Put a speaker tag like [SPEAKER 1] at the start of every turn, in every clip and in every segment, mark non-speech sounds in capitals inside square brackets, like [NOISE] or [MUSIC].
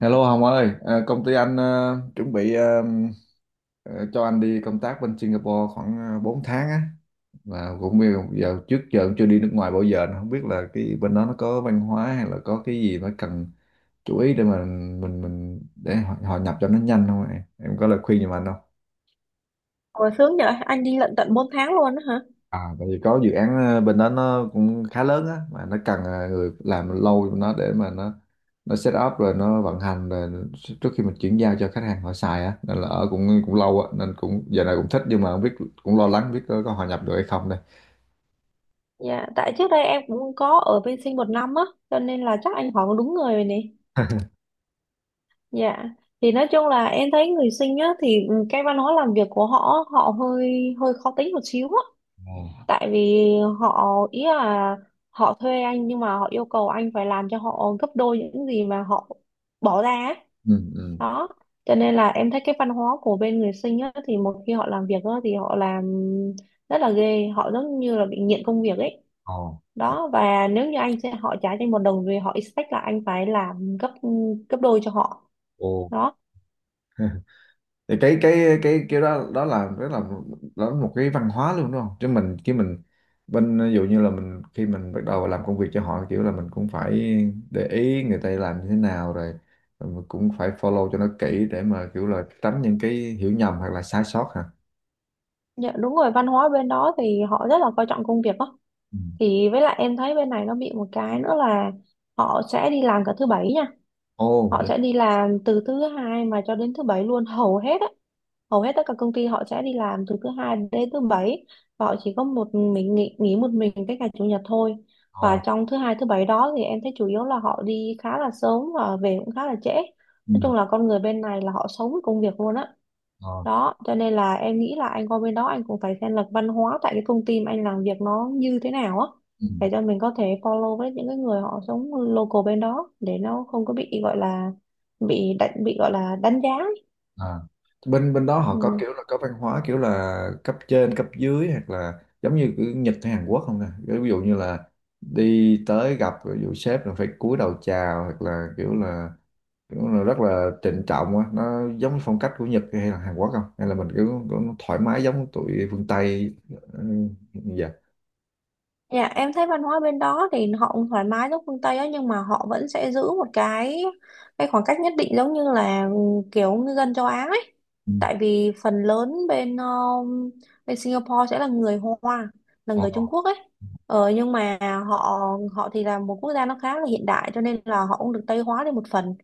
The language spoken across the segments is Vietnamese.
[SPEAKER 1] Hello Hồng ơi, à, công ty anh chuẩn bị ờ, cho anh đi công tác bên Singapore khoảng 4 tháng á. Và cũng bây giờ trước giờ cũng chưa đi nước ngoài bao giờ, nên không biết là cái bên đó nó có văn hóa hay là có cái gì phải cần chú ý để mà mình để họ, họ nhập cho nó nhanh không em? Em có lời khuyên giùm anh không?
[SPEAKER 2] Ồ, sướng vậy, anh đi lận tận 4 tháng luôn á hả?
[SPEAKER 1] À, tại vì có dự án bên đó nó cũng khá lớn á, mà nó cần người làm lâu cho nó, để mà nó set up rồi nó vận hành rồi, trước khi mình chuyển giao cho khách hàng họ xài á, nên là ở cũng cũng lâu á, nên cũng giờ này cũng thích nhưng mà không biết, cũng lo lắng biết có hòa nhập được hay không đây.
[SPEAKER 2] Dạ, tại trước đây em cũng có ở bên Sinh 1 năm á, cho nên là chắc anh hỏi đúng người rồi nè. Dạ, thì nói chung là em thấy người Sinh á, thì cái văn hóa làm việc của họ hơi hơi khó tính một xíu á.
[SPEAKER 1] Ồ.
[SPEAKER 2] Tại vì họ, ý là họ thuê anh nhưng mà họ yêu cầu anh phải làm cho họ gấp đôi những gì mà họ bỏ ra á.
[SPEAKER 1] Ừ, ừ.
[SPEAKER 2] Đó cho nên là em thấy cái văn hóa của bên người Sinh á, thì một khi họ làm việc á, thì họ làm rất là ghê, họ giống như là bị nghiện công việc ấy.
[SPEAKER 1] Ồ.
[SPEAKER 2] Đó, và nếu như anh sẽ họ trả cho anh 1 đồng thì họ expect là anh phải làm gấp gấp đôi cho họ
[SPEAKER 1] Ồ.
[SPEAKER 2] đó.
[SPEAKER 1] [LAUGHS] Thì cái kiểu đó, đó là đó là một cái văn hóa luôn đúng không? Chứ mình khi mình bên, ví dụ như là mình khi mình bắt đầu làm công việc cho họ, kiểu là mình cũng phải để ý người ta làm như thế nào rồi, rồi mình cũng phải follow cho nó kỹ để mà kiểu là tránh những cái hiểu nhầm hoặc là sai sót hả?
[SPEAKER 2] Dạ, đúng rồi, văn hóa bên đó thì họ rất là coi trọng công việc đó.
[SPEAKER 1] Ừ.
[SPEAKER 2] Thì với lại em thấy bên này nó bị một cái nữa là họ sẽ đi làm cả thứ bảy nha.
[SPEAKER 1] Ồ
[SPEAKER 2] Họ
[SPEAKER 1] vậy.
[SPEAKER 2] sẽ đi làm từ thứ hai mà cho đến thứ bảy luôn hầu hết á, hầu hết tất cả công ty họ sẽ đi làm từ thứ hai đến thứ bảy, và họ chỉ có một mình nghỉ, một mình cái ngày chủ nhật thôi. Và
[SPEAKER 1] Ờ.
[SPEAKER 2] trong thứ hai thứ bảy đó thì em thấy chủ yếu là họ đi khá là sớm và về cũng khá là trễ.
[SPEAKER 1] Ừ.
[SPEAKER 2] Nói chung là con người bên này là họ sống với công việc luôn á.
[SPEAKER 1] Ờ.
[SPEAKER 2] Đó cho nên là em nghĩ là anh qua bên đó anh cũng phải xem là văn hóa tại cái công ty mà anh làm việc nó như thế nào á,
[SPEAKER 1] Ừ.
[SPEAKER 2] để cho mình có thể follow với những cái người họ sống local bên đó, để nó không có bị gọi là bị đánh bị gọi là đánh giá ấy.
[SPEAKER 1] À. Bên bên đó họ có
[SPEAKER 2] Ừ.
[SPEAKER 1] kiểu là có văn hóa kiểu là cấp trên cấp dưới, hoặc là giống như kiểu Nhật hay Hàn Quốc không nè? Kiểu ví dụ như là đi tới gặp, ví dụ sếp là phải cúi đầu chào, hoặc là kiểu là kiểu là rất là trịnh trọng á, nó giống như phong cách của Nhật hay là Hàn Quốc không, hay là mình kiểu, kiểu thoải mái giống tụi phương Tây? Ừ, dạ.
[SPEAKER 2] Dạ em thấy văn hóa bên đó thì họ cũng thoải mái giống phương Tây á, nhưng mà họ vẫn sẽ giữ một cái khoảng cách nhất định, giống như là kiểu ngư dân châu Á ấy.
[SPEAKER 1] Ừ.
[SPEAKER 2] Tại vì phần lớn bên Singapore sẽ là người Hoa, là
[SPEAKER 1] Ờ.
[SPEAKER 2] người Trung Quốc ấy. Ờ, nhưng mà họ họ thì là một quốc gia nó khá là hiện đại cho nên là họ cũng được Tây hóa đi một phần.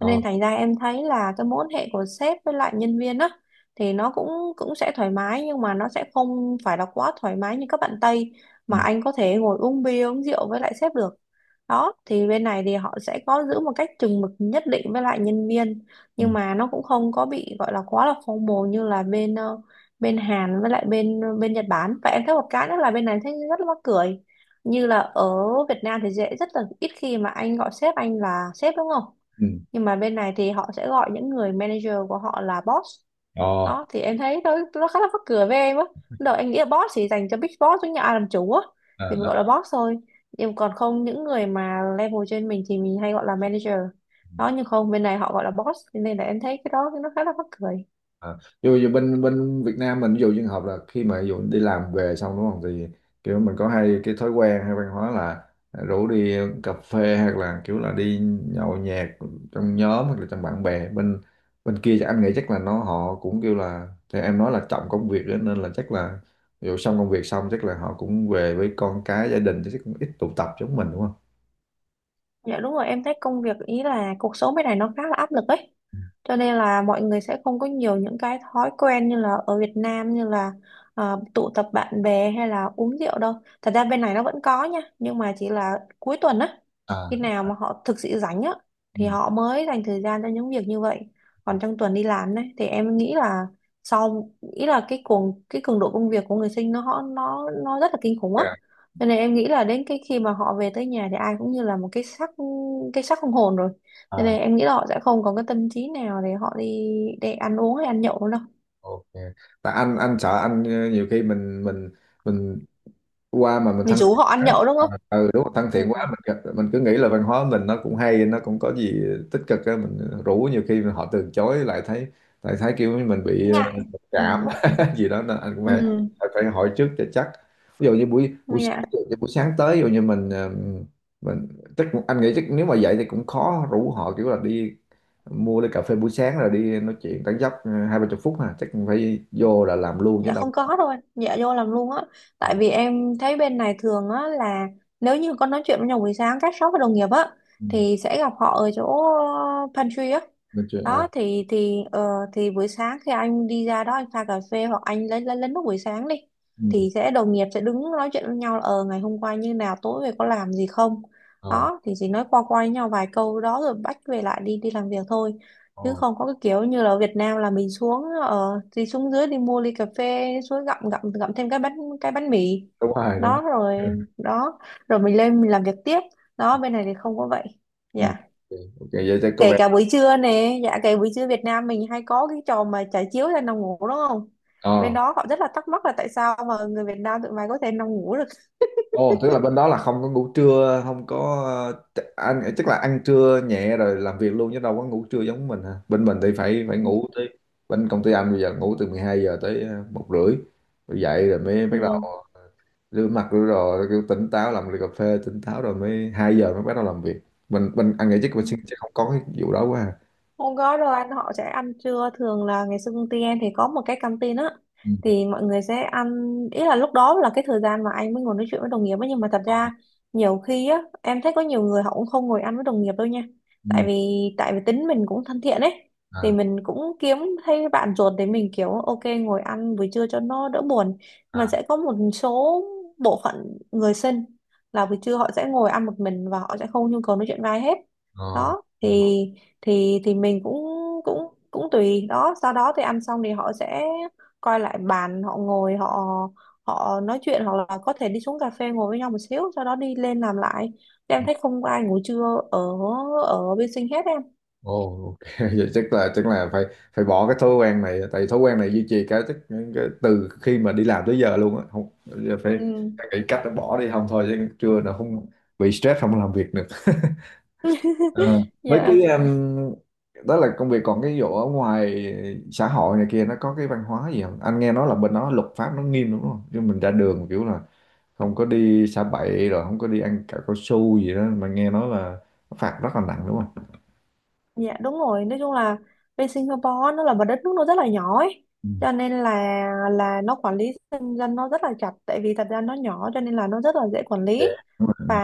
[SPEAKER 2] Cho nên thành ra em thấy là cái mối quan hệ của sếp với lại nhân viên á thì nó cũng cũng sẽ thoải mái, nhưng mà nó sẽ không phải là quá thoải mái như các bạn Tây
[SPEAKER 1] Ừ.
[SPEAKER 2] mà anh có thể ngồi uống bia uống rượu với lại sếp được. Đó thì bên này thì họ sẽ có giữ một cách chừng mực nhất định với lại nhân viên,
[SPEAKER 1] Ừ.
[SPEAKER 2] nhưng mà nó cũng không có bị gọi là quá là formal như là bên Hàn với lại bên Nhật Bản. Và em thấy một cái nữa là bên này thấy rất là mắc cười, như là ở Việt Nam thì dễ rất là ít khi mà anh gọi sếp anh là sếp đúng không,
[SPEAKER 1] Ừ.
[SPEAKER 2] nhưng mà bên này thì họ sẽ gọi những người manager của họ là boss.
[SPEAKER 1] Ờ.
[SPEAKER 2] Đó thì em thấy nó khá là mắc cười với em á, lúc đầu em nghĩ là boss chỉ dành cho big boss với nhà ai làm chủ á thì mình
[SPEAKER 1] Ờ.
[SPEAKER 2] gọi là boss thôi, nhưng còn không những người mà level trên mình thì mình hay gọi là manager. Đó nhưng không bên này họ gọi là boss, cho nên là em thấy cái đó nó khá là mắc cười.
[SPEAKER 1] À, dù dù bên bên Việt Nam mình, ví dụ trường hợp là khi mà ví dụ đi làm về xong đúng không, thì kiểu mình có hay cái thói quen hay văn hóa là rủ đi cà phê hoặc là kiểu là đi nhậu nhẹt trong nhóm hoặc là trong bạn bè, bên bên kia chắc anh nghĩ chắc là nó họ cũng kêu là, thì em nói là trọng công việc đó, nên là chắc là ví dụ xong công việc xong chắc là họ cũng về với con cái gia đình, chứ chắc cũng ít tụ tập giống mình đúng không?
[SPEAKER 2] Dạ đúng rồi, em thấy công việc ý là cuộc sống bên này nó khá là áp lực ấy. Cho nên là mọi người sẽ không có nhiều những cái thói quen như là ở Việt Nam như là tụ tập bạn bè hay là uống rượu đâu. Thật ra bên này nó vẫn có nha, nhưng mà chỉ là cuối tuần á,
[SPEAKER 1] À,
[SPEAKER 2] khi nào mà họ thực sự rảnh á
[SPEAKER 1] ừ.
[SPEAKER 2] thì họ mới dành thời gian cho những việc như vậy. Còn trong tuần đi làm đấy thì em nghĩ là sau ý là cái cường độ công việc của người sinh nó rất là kinh khủng á,
[SPEAKER 1] À,
[SPEAKER 2] cho nên em nghĩ là đến cái khi mà họ về tới nhà thì ai cũng như là một cái xác, không hồn rồi. Cho
[SPEAKER 1] à,
[SPEAKER 2] nên em nghĩ là họ sẽ không có cái tâm trí nào để họ đi để ăn uống hay ăn nhậu nữa đâu.
[SPEAKER 1] ok. Tại anh sợ anh nhiều khi mình qua mà mình
[SPEAKER 2] Mình
[SPEAKER 1] thân
[SPEAKER 2] rủ
[SPEAKER 1] thiện
[SPEAKER 2] họ ăn
[SPEAKER 1] quá.
[SPEAKER 2] nhậu đúng
[SPEAKER 1] Ờ,
[SPEAKER 2] không?
[SPEAKER 1] ừ đúng rồi, thân thiện
[SPEAKER 2] Ừ,
[SPEAKER 1] quá mình mình cứ nghĩ là văn hóa mình nó cũng hay, nó cũng có gì tích cực á, mình rủ nhiều khi họ từ chối lại thấy, lại thấy kiểu như mình bị
[SPEAKER 2] ngại.
[SPEAKER 1] mặc
[SPEAKER 2] Ừ.
[SPEAKER 1] cảm [LAUGHS] gì đó, nên anh cũng phải
[SPEAKER 2] Ừ.
[SPEAKER 1] phải hỏi trước cho chắc. Ví dụ như buổi buổi sáng,
[SPEAKER 2] Dạ.
[SPEAKER 1] ví dụ như buổi sáng tới, ví dụ như mình mình chắc anh nghĩ chắc nếu mà vậy thì cũng khó rủ họ kiểu là đi mua ly cà phê buổi sáng rồi đi nói chuyện tán dóc hai ba chục phút ha, chắc cũng phải vô là làm luôn chứ
[SPEAKER 2] Dạ
[SPEAKER 1] đâu.
[SPEAKER 2] không có đâu anh, dạ vô làm luôn á. Tại vì em thấy bên này thường á là nếu như có nói chuyện với nhau buổi sáng các shop và đồng nghiệp á
[SPEAKER 1] Ừ.
[SPEAKER 2] thì sẽ gặp họ ở chỗ pantry á.
[SPEAKER 1] Nói chuyện, à,
[SPEAKER 2] Đó thì buổi sáng khi anh đi ra đó anh pha cà phê hoặc anh lấy nước buổi sáng đi
[SPEAKER 1] ừ.
[SPEAKER 2] thì sẽ đồng nghiệp sẽ đứng nói chuyện với nhau là ờ ngày hôm qua như nào tối về có làm gì không.
[SPEAKER 1] Ờ.
[SPEAKER 2] Đó thì chỉ nói qua qua với nhau vài câu đó rồi bắt về lại đi đi làm việc thôi,
[SPEAKER 1] Ờ
[SPEAKER 2] chứ không có cái kiểu như là ở Việt Nam là mình xuống ở thì xuống dưới đi mua ly cà phê xuống gặm gặm gặm thêm cái bánh mì
[SPEAKER 1] đúng rồi, đúng.
[SPEAKER 2] đó rồi
[SPEAKER 1] [LAUGHS]
[SPEAKER 2] đó mình lên mình làm việc tiếp. Đó bên này thì không có vậy,
[SPEAKER 1] Rồi.
[SPEAKER 2] dạ.
[SPEAKER 1] Ừ. Ok, vậy thì có
[SPEAKER 2] Kể
[SPEAKER 1] vẻ.
[SPEAKER 2] cả buổi trưa nè, dạ buổi trưa Việt Nam mình hay có cái trò mà trải chiếu ra nằm ngủ đúng không, bên
[SPEAKER 1] Ờ.
[SPEAKER 2] đó họ rất là thắc mắc là tại sao mà người Việt Nam tụi mày có thể nằm ngủ được.
[SPEAKER 1] Ồ, tức là bên đó là không có ngủ trưa, không có ăn, chắc là ăn trưa nhẹ rồi làm việc luôn chứ đâu có ngủ trưa giống mình hả? Bên mình thì phải phải ngủ tới, bên công ty anh bây giờ ngủ từ 12 giờ tới 1h30, rồi dậy rồi mới bắt đầu
[SPEAKER 2] Ừ,
[SPEAKER 1] rửa mặt rửa đồ rồi kiểu tỉnh táo, làm ly cà phê tỉnh táo rồi mới 2 giờ mới bắt đầu làm việc. Mình anh nghĩ chắc mình sẽ
[SPEAKER 2] ừ.
[SPEAKER 1] sẽ không có cái vụ đó quá à.
[SPEAKER 2] Hôm có đâu anh, họ sẽ ăn trưa thường là ngày xưa công ty em thì có một cái canteen á
[SPEAKER 1] Ừ.
[SPEAKER 2] thì mọi người sẽ ăn, ý là lúc đó là cái thời gian mà anh mới ngồi nói chuyện với đồng nghiệp ấy, nhưng mà thật
[SPEAKER 1] Ờ.
[SPEAKER 2] ra nhiều khi á em thấy có nhiều người họ cũng không ngồi ăn với đồng nghiệp đâu nha. tại
[SPEAKER 1] Ừ.
[SPEAKER 2] vì tại vì tính mình cũng thân thiện ấy thì
[SPEAKER 1] À.
[SPEAKER 2] mình cũng kiếm thấy bạn ruột để mình kiểu ok ngồi ăn buổi trưa cho nó đỡ buồn. Mà
[SPEAKER 1] À.
[SPEAKER 2] sẽ có một số bộ phận người sinh là buổi trưa họ sẽ ngồi ăn một mình và họ sẽ không nhu cầu nói chuyện với ai hết.
[SPEAKER 1] Ờ.
[SPEAKER 2] Đó thì mình cũng cũng cũng tùy. Đó sau đó thì ăn xong thì họ sẽ coi lại bàn họ ngồi, họ họ nói chuyện hoặc là có thể đi xuống cà phê ngồi với nhau một xíu, sau đó đi lên làm lại. Thì em
[SPEAKER 1] Ừ.
[SPEAKER 2] thấy không có ai ngủ trưa ở ở bên sinh hết em.
[SPEAKER 1] Ồ, ok. [LAUGHS] Vậy chắc là phải phải bỏ cái thói quen này, tại thói quen này duy trì cái, cái từ khi mà đi làm tới giờ luôn á, không giờ phải
[SPEAKER 2] Ừ,
[SPEAKER 1] phải nghĩ cách để bỏ đi không, thôi chứ chưa là không bị stress không làm việc được. [LAUGHS] Ờ,
[SPEAKER 2] [LAUGHS]
[SPEAKER 1] với cái.
[SPEAKER 2] dạ.
[SPEAKER 1] Ừ. Đó là công việc, còn cái vụ ở ngoài xã hội này kia nó có cái văn hóa gì không? Anh nghe nói là bên đó luật pháp nó nghiêm đúng không, chứ mình ra đường kiểu là không có đi xả bậy, rồi không có đi ăn cả cao su gì đó, mà nghe nói là nó phạt rất là nặng đúng không?
[SPEAKER 2] Dạ đúng rồi, nói chung là bên Singapore nó là một đất nước nó rất là nhỏ ấy.
[SPEAKER 1] Ừ.
[SPEAKER 2] Cho nên là nó quản lý dân dân nó rất là chặt, tại vì thật ra nó nhỏ cho nên là nó rất là dễ quản lý.
[SPEAKER 1] Dạ.
[SPEAKER 2] Và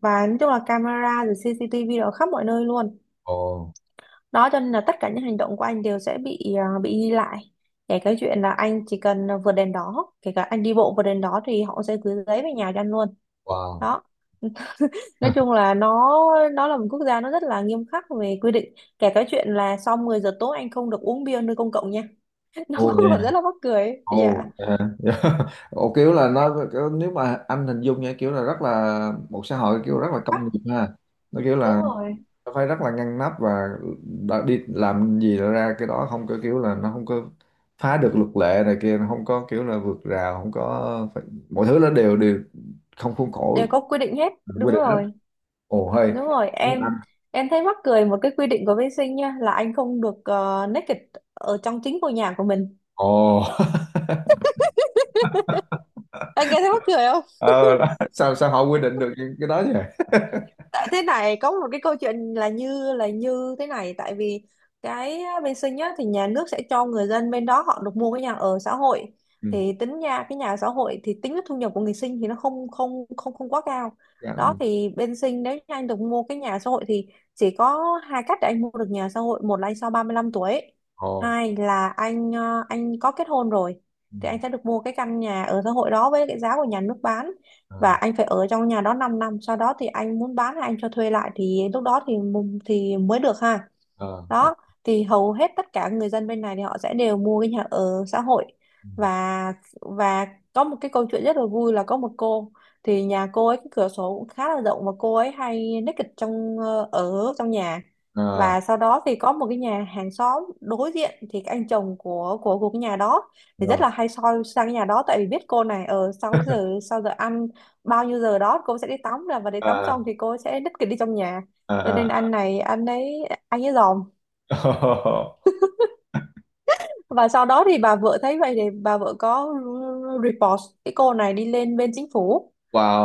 [SPEAKER 2] và nói chung là camera rồi CCTV ở khắp mọi nơi luôn.
[SPEAKER 1] Ồ.
[SPEAKER 2] Đó cho nên là tất cả những hành động của anh đều sẽ bị ghi lại. Kể cái chuyện là anh chỉ cần vượt đèn đỏ, kể cả anh đi bộ vượt đèn đỏ thì họ sẽ gửi giấy về nhà cho anh luôn.
[SPEAKER 1] Wow.
[SPEAKER 2] Đó nói chung
[SPEAKER 1] [LAUGHS]
[SPEAKER 2] là nó là một quốc gia nó rất là nghiêm khắc về quy định. Kể cái chuyện là sau 10 giờ tối anh không được uống bia nơi công cộng nha, [LAUGHS] nó
[SPEAKER 1] Ồ
[SPEAKER 2] cũng
[SPEAKER 1] vậy hả?
[SPEAKER 2] là rất là mắc cười ấy. Dạ.
[SPEAKER 1] Ồ, vậy hả? [LAUGHS] Ồ kiểu là nó kiểu, nếu mà anh hình dung nha, kiểu là rất là một xã hội kiểu rất là công
[SPEAKER 2] Bắc,
[SPEAKER 1] nghiệp ha. Nó kiểu
[SPEAKER 2] đúng
[SPEAKER 1] là
[SPEAKER 2] rồi,
[SPEAKER 1] nó phải rất là ngăn nắp và đã đi làm gì là ra cái đó, không có kiểu là nó không có phá được luật lệ này kia, nó không có kiểu là vượt rào, không có phải, mọi thứ nó đều đều không khuôn khổ,
[SPEAKER 2] đều có quy định hết,
[SPEAKER 1] quy
[SPEAKER 2] đúng
[SPEAKER 1] định hết.
[SPEAKER 2] rồi,
[SPEAKER 1] Ồ hay.
[SPEAKER 2] đúng rồi
[SPEAKER 1] Tiếng
[SPEAKER 2] em.
[SPEAKER 1] Anh.
[SPEAKER 2] Em thấy mắc cười một cái quy định của bên Sinh nha là anh không được naked ở trong chính ngôi nhà của mình,
[SPEAKER 1] Ồ. [LAUGHS]
[SPEAKER 2] anh nghe thấy mắc cười.
[SPEAKER 1] Ờ, đó. Sao sao họ quy định được những cái đó vậy?
[SPEAKER 2] Tại thế này có một cái câu chuyện là như thế này, tại vì cái bên Sinh á, thì nhà nước sẽ cho người dân bên đó họ được mua cái nhà ở xã hội.
[SPEAKER 1] Ừ.
[SPEAKER 2] Thì tính nha cái nhà ở xã hội thì tính cái thu nhập của người Sinh thì nó không không không không quá cao.
[SPEAKER 1] Dạ,
[SPEAKER 2] Đó
[SPEAKER 1] ừ.
[SPEAKER 2] thì bên Sinh nếu như anh được mua cái nhà ở xã hội thì chỉ có hai cách để anh mua được nhà ở xã hội, một là anh sau 35 tuổi,
[SPEAKER 1] Ồ.
[SPEAKER 2] hai là anh anh có kết hôn rồi thì anh sẽ được mua cái căn nhà ở xã hội đó với cái giá của nhà nước bán.
[SPEAKER 1] Ờ.
[SPEAKER 2] Và anh phải ở trong nhà đó 5 năm sau đó thì anh muốn bán hay anh cho thuê lại thì lúc đó thì mu- thì mới được ha.
[SPEAKER 1] Ờ. Ờ.
[SPEAKER 2] Đó thì hầu hết tất cả người dân bên này thì họ sẽ đều mua cái nhà ở xã hội. Và và có một cái câu chuyện rất là vui là có một cô thì nhà cô ấy cái cửa sổ cũng khá là rộng và cô ấy hay naked ở trong nhà.
[SPEAKER 1] Ờ.
[SPEAKER 2] Và sau đó thì có một cái nhà hàng xóm đối diện thì cái anh chồng của cái nhà đó thì
[SPEAKER 1] Ờ.
[SPEAKER 2] rất là hay soi sang cái nhà đó, tại vì biết cô này ở sau cái giờ sau giờ ăn bao nhiêu giờ đó cô sẽ đi tắm là và đi tắm
[SPEAKER 1] Ờ.
[SPEAKER 2] xong thì cô sẽ đích kỷ đi trong nhà.
[SPEAKER 1] Ờ.
[SPEAKER 2] Cho
[SPEAKER 1] Ờ.
[SPEAKER 2] nên anh này anh ấy dòm.
[SPEAKER 1] Ờ. [LAUGHS]
[SPEAKER 2] Và sau đó thì bà vợ thấy vậy thì bà vợ có report cái cô này đi lên bên chính phủ.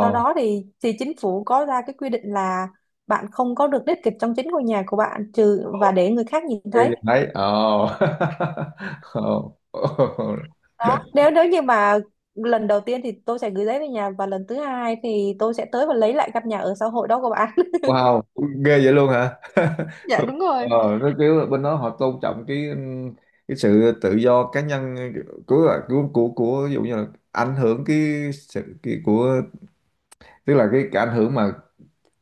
[SPEAKER 2] Sau đó thì chính phủ có ra cái quy định là bạn không có được đích kịch trong chính ngôi nhà của bạn trừ và để người khác nhìn
[SPEAKER 1] Cái
[SPEAKER 2] thấy.
[SPEAKER 1] nhìn thấy ờ. [LAUGHS] Ờ.
[SPEAKER 2] Đó nếu nếu như mà lần đầu tiên thì tôi sẽ gửi giấy về nhà, và lần thứ hai thì tôi sẽ tới và lấy lại căn nhà ở xã hội đó của bạn.
[SPEAKER 1] Wow, ghê vậy luôn hả?
[SPEAKER 2] [LAUGHS]
[SPEAKER 1] [LAUGHS]
[SPEAKER 2] dạ đúng
[SPEAKER 1] Ờ,
[SPEAKER 2] rồi.
[SPEAKER 1] nó kiểu bên đó họ tôn trọng cái sự tự do cá nhân của của, của ví dụ như là ảnh hưởng cái sự cái, của, tức là cái ảnh hưởng mà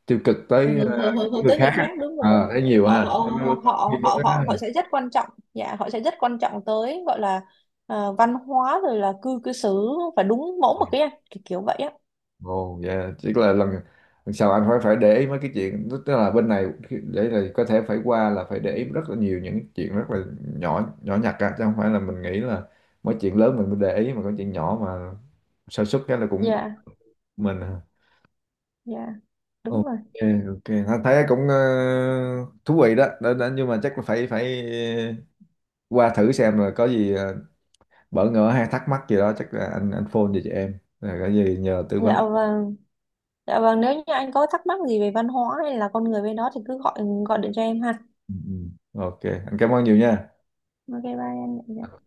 [SPEAKER 1] tiêu cực
[SPEAKER 2] ảnh
[SPEAKER 1] tới
[SPEAKER 2] hưởng hưởng hưởng hưởng
[SPEAKER 1] người
[SPEAKER 2] tới
[SPEAKER 1] khác
[SPEAKER 2] người
[SPEAKER 1] á.
[SPEAKER 2] khác, đúng rồi.
[SPEAKER 1] Ờ thấy nhiều
[SPEAKER 2] họ
[SPEAKER 1] ha.
[SPEAKER 2] họ
[SPEAKER 1] Nó- nó-
[SPEAKER 2] họ họ họ họ sẽ rất quan trọng. Dạ họ sẽ rất quan trọng tới gọi là văn hóa rồi là cư cư xử và đúng mẫu mực ấy anh, kiểu kiểu vậy á.
[SPEAKER 1] Ồ, dạ. Tức là lần lần sau anh phải phải để ý mấy cái chuyện, tức tức là bên này để là có thể phải qua là phải để ý rất là nhiều những chuyện rất là nhỏ nhỏ nhặt á, chứ không phải là mình nghĩ là mấy chuyện lớn mình mới để ý, mà có chuyện nhỏ mà sa sút cái là cũng
[SPEAKER 2] Dạ.
[SPEAKER 1] mình à.
[SPEAKER 2] Dạ đúng
[SPEAKER 1] Ok.
[SPEAKER 2] rồi.
[SPEAKER 1] Ok, anh thấy cũng thú vị đó. Đó, đó nhưng mà chắc là phải phải qua thử xem rồi có gì bỡ ngỡ hay thắc mắc gì đó chắc là anh phone về cho em rồi có gì nhờ tư vấn.
[SPEAKER 2] Dạ vâng, dạ vâng, nếu như anh có thắc mắc gì về văn hóa hay là con người bên đó thì cứ gọi, điện cho em ha.
[SPEAKER 1] Ừ, ừ. Ok, anh cảm ơn nhiều nha.
[SPEAKER 2] Ok bye anh. Dạ.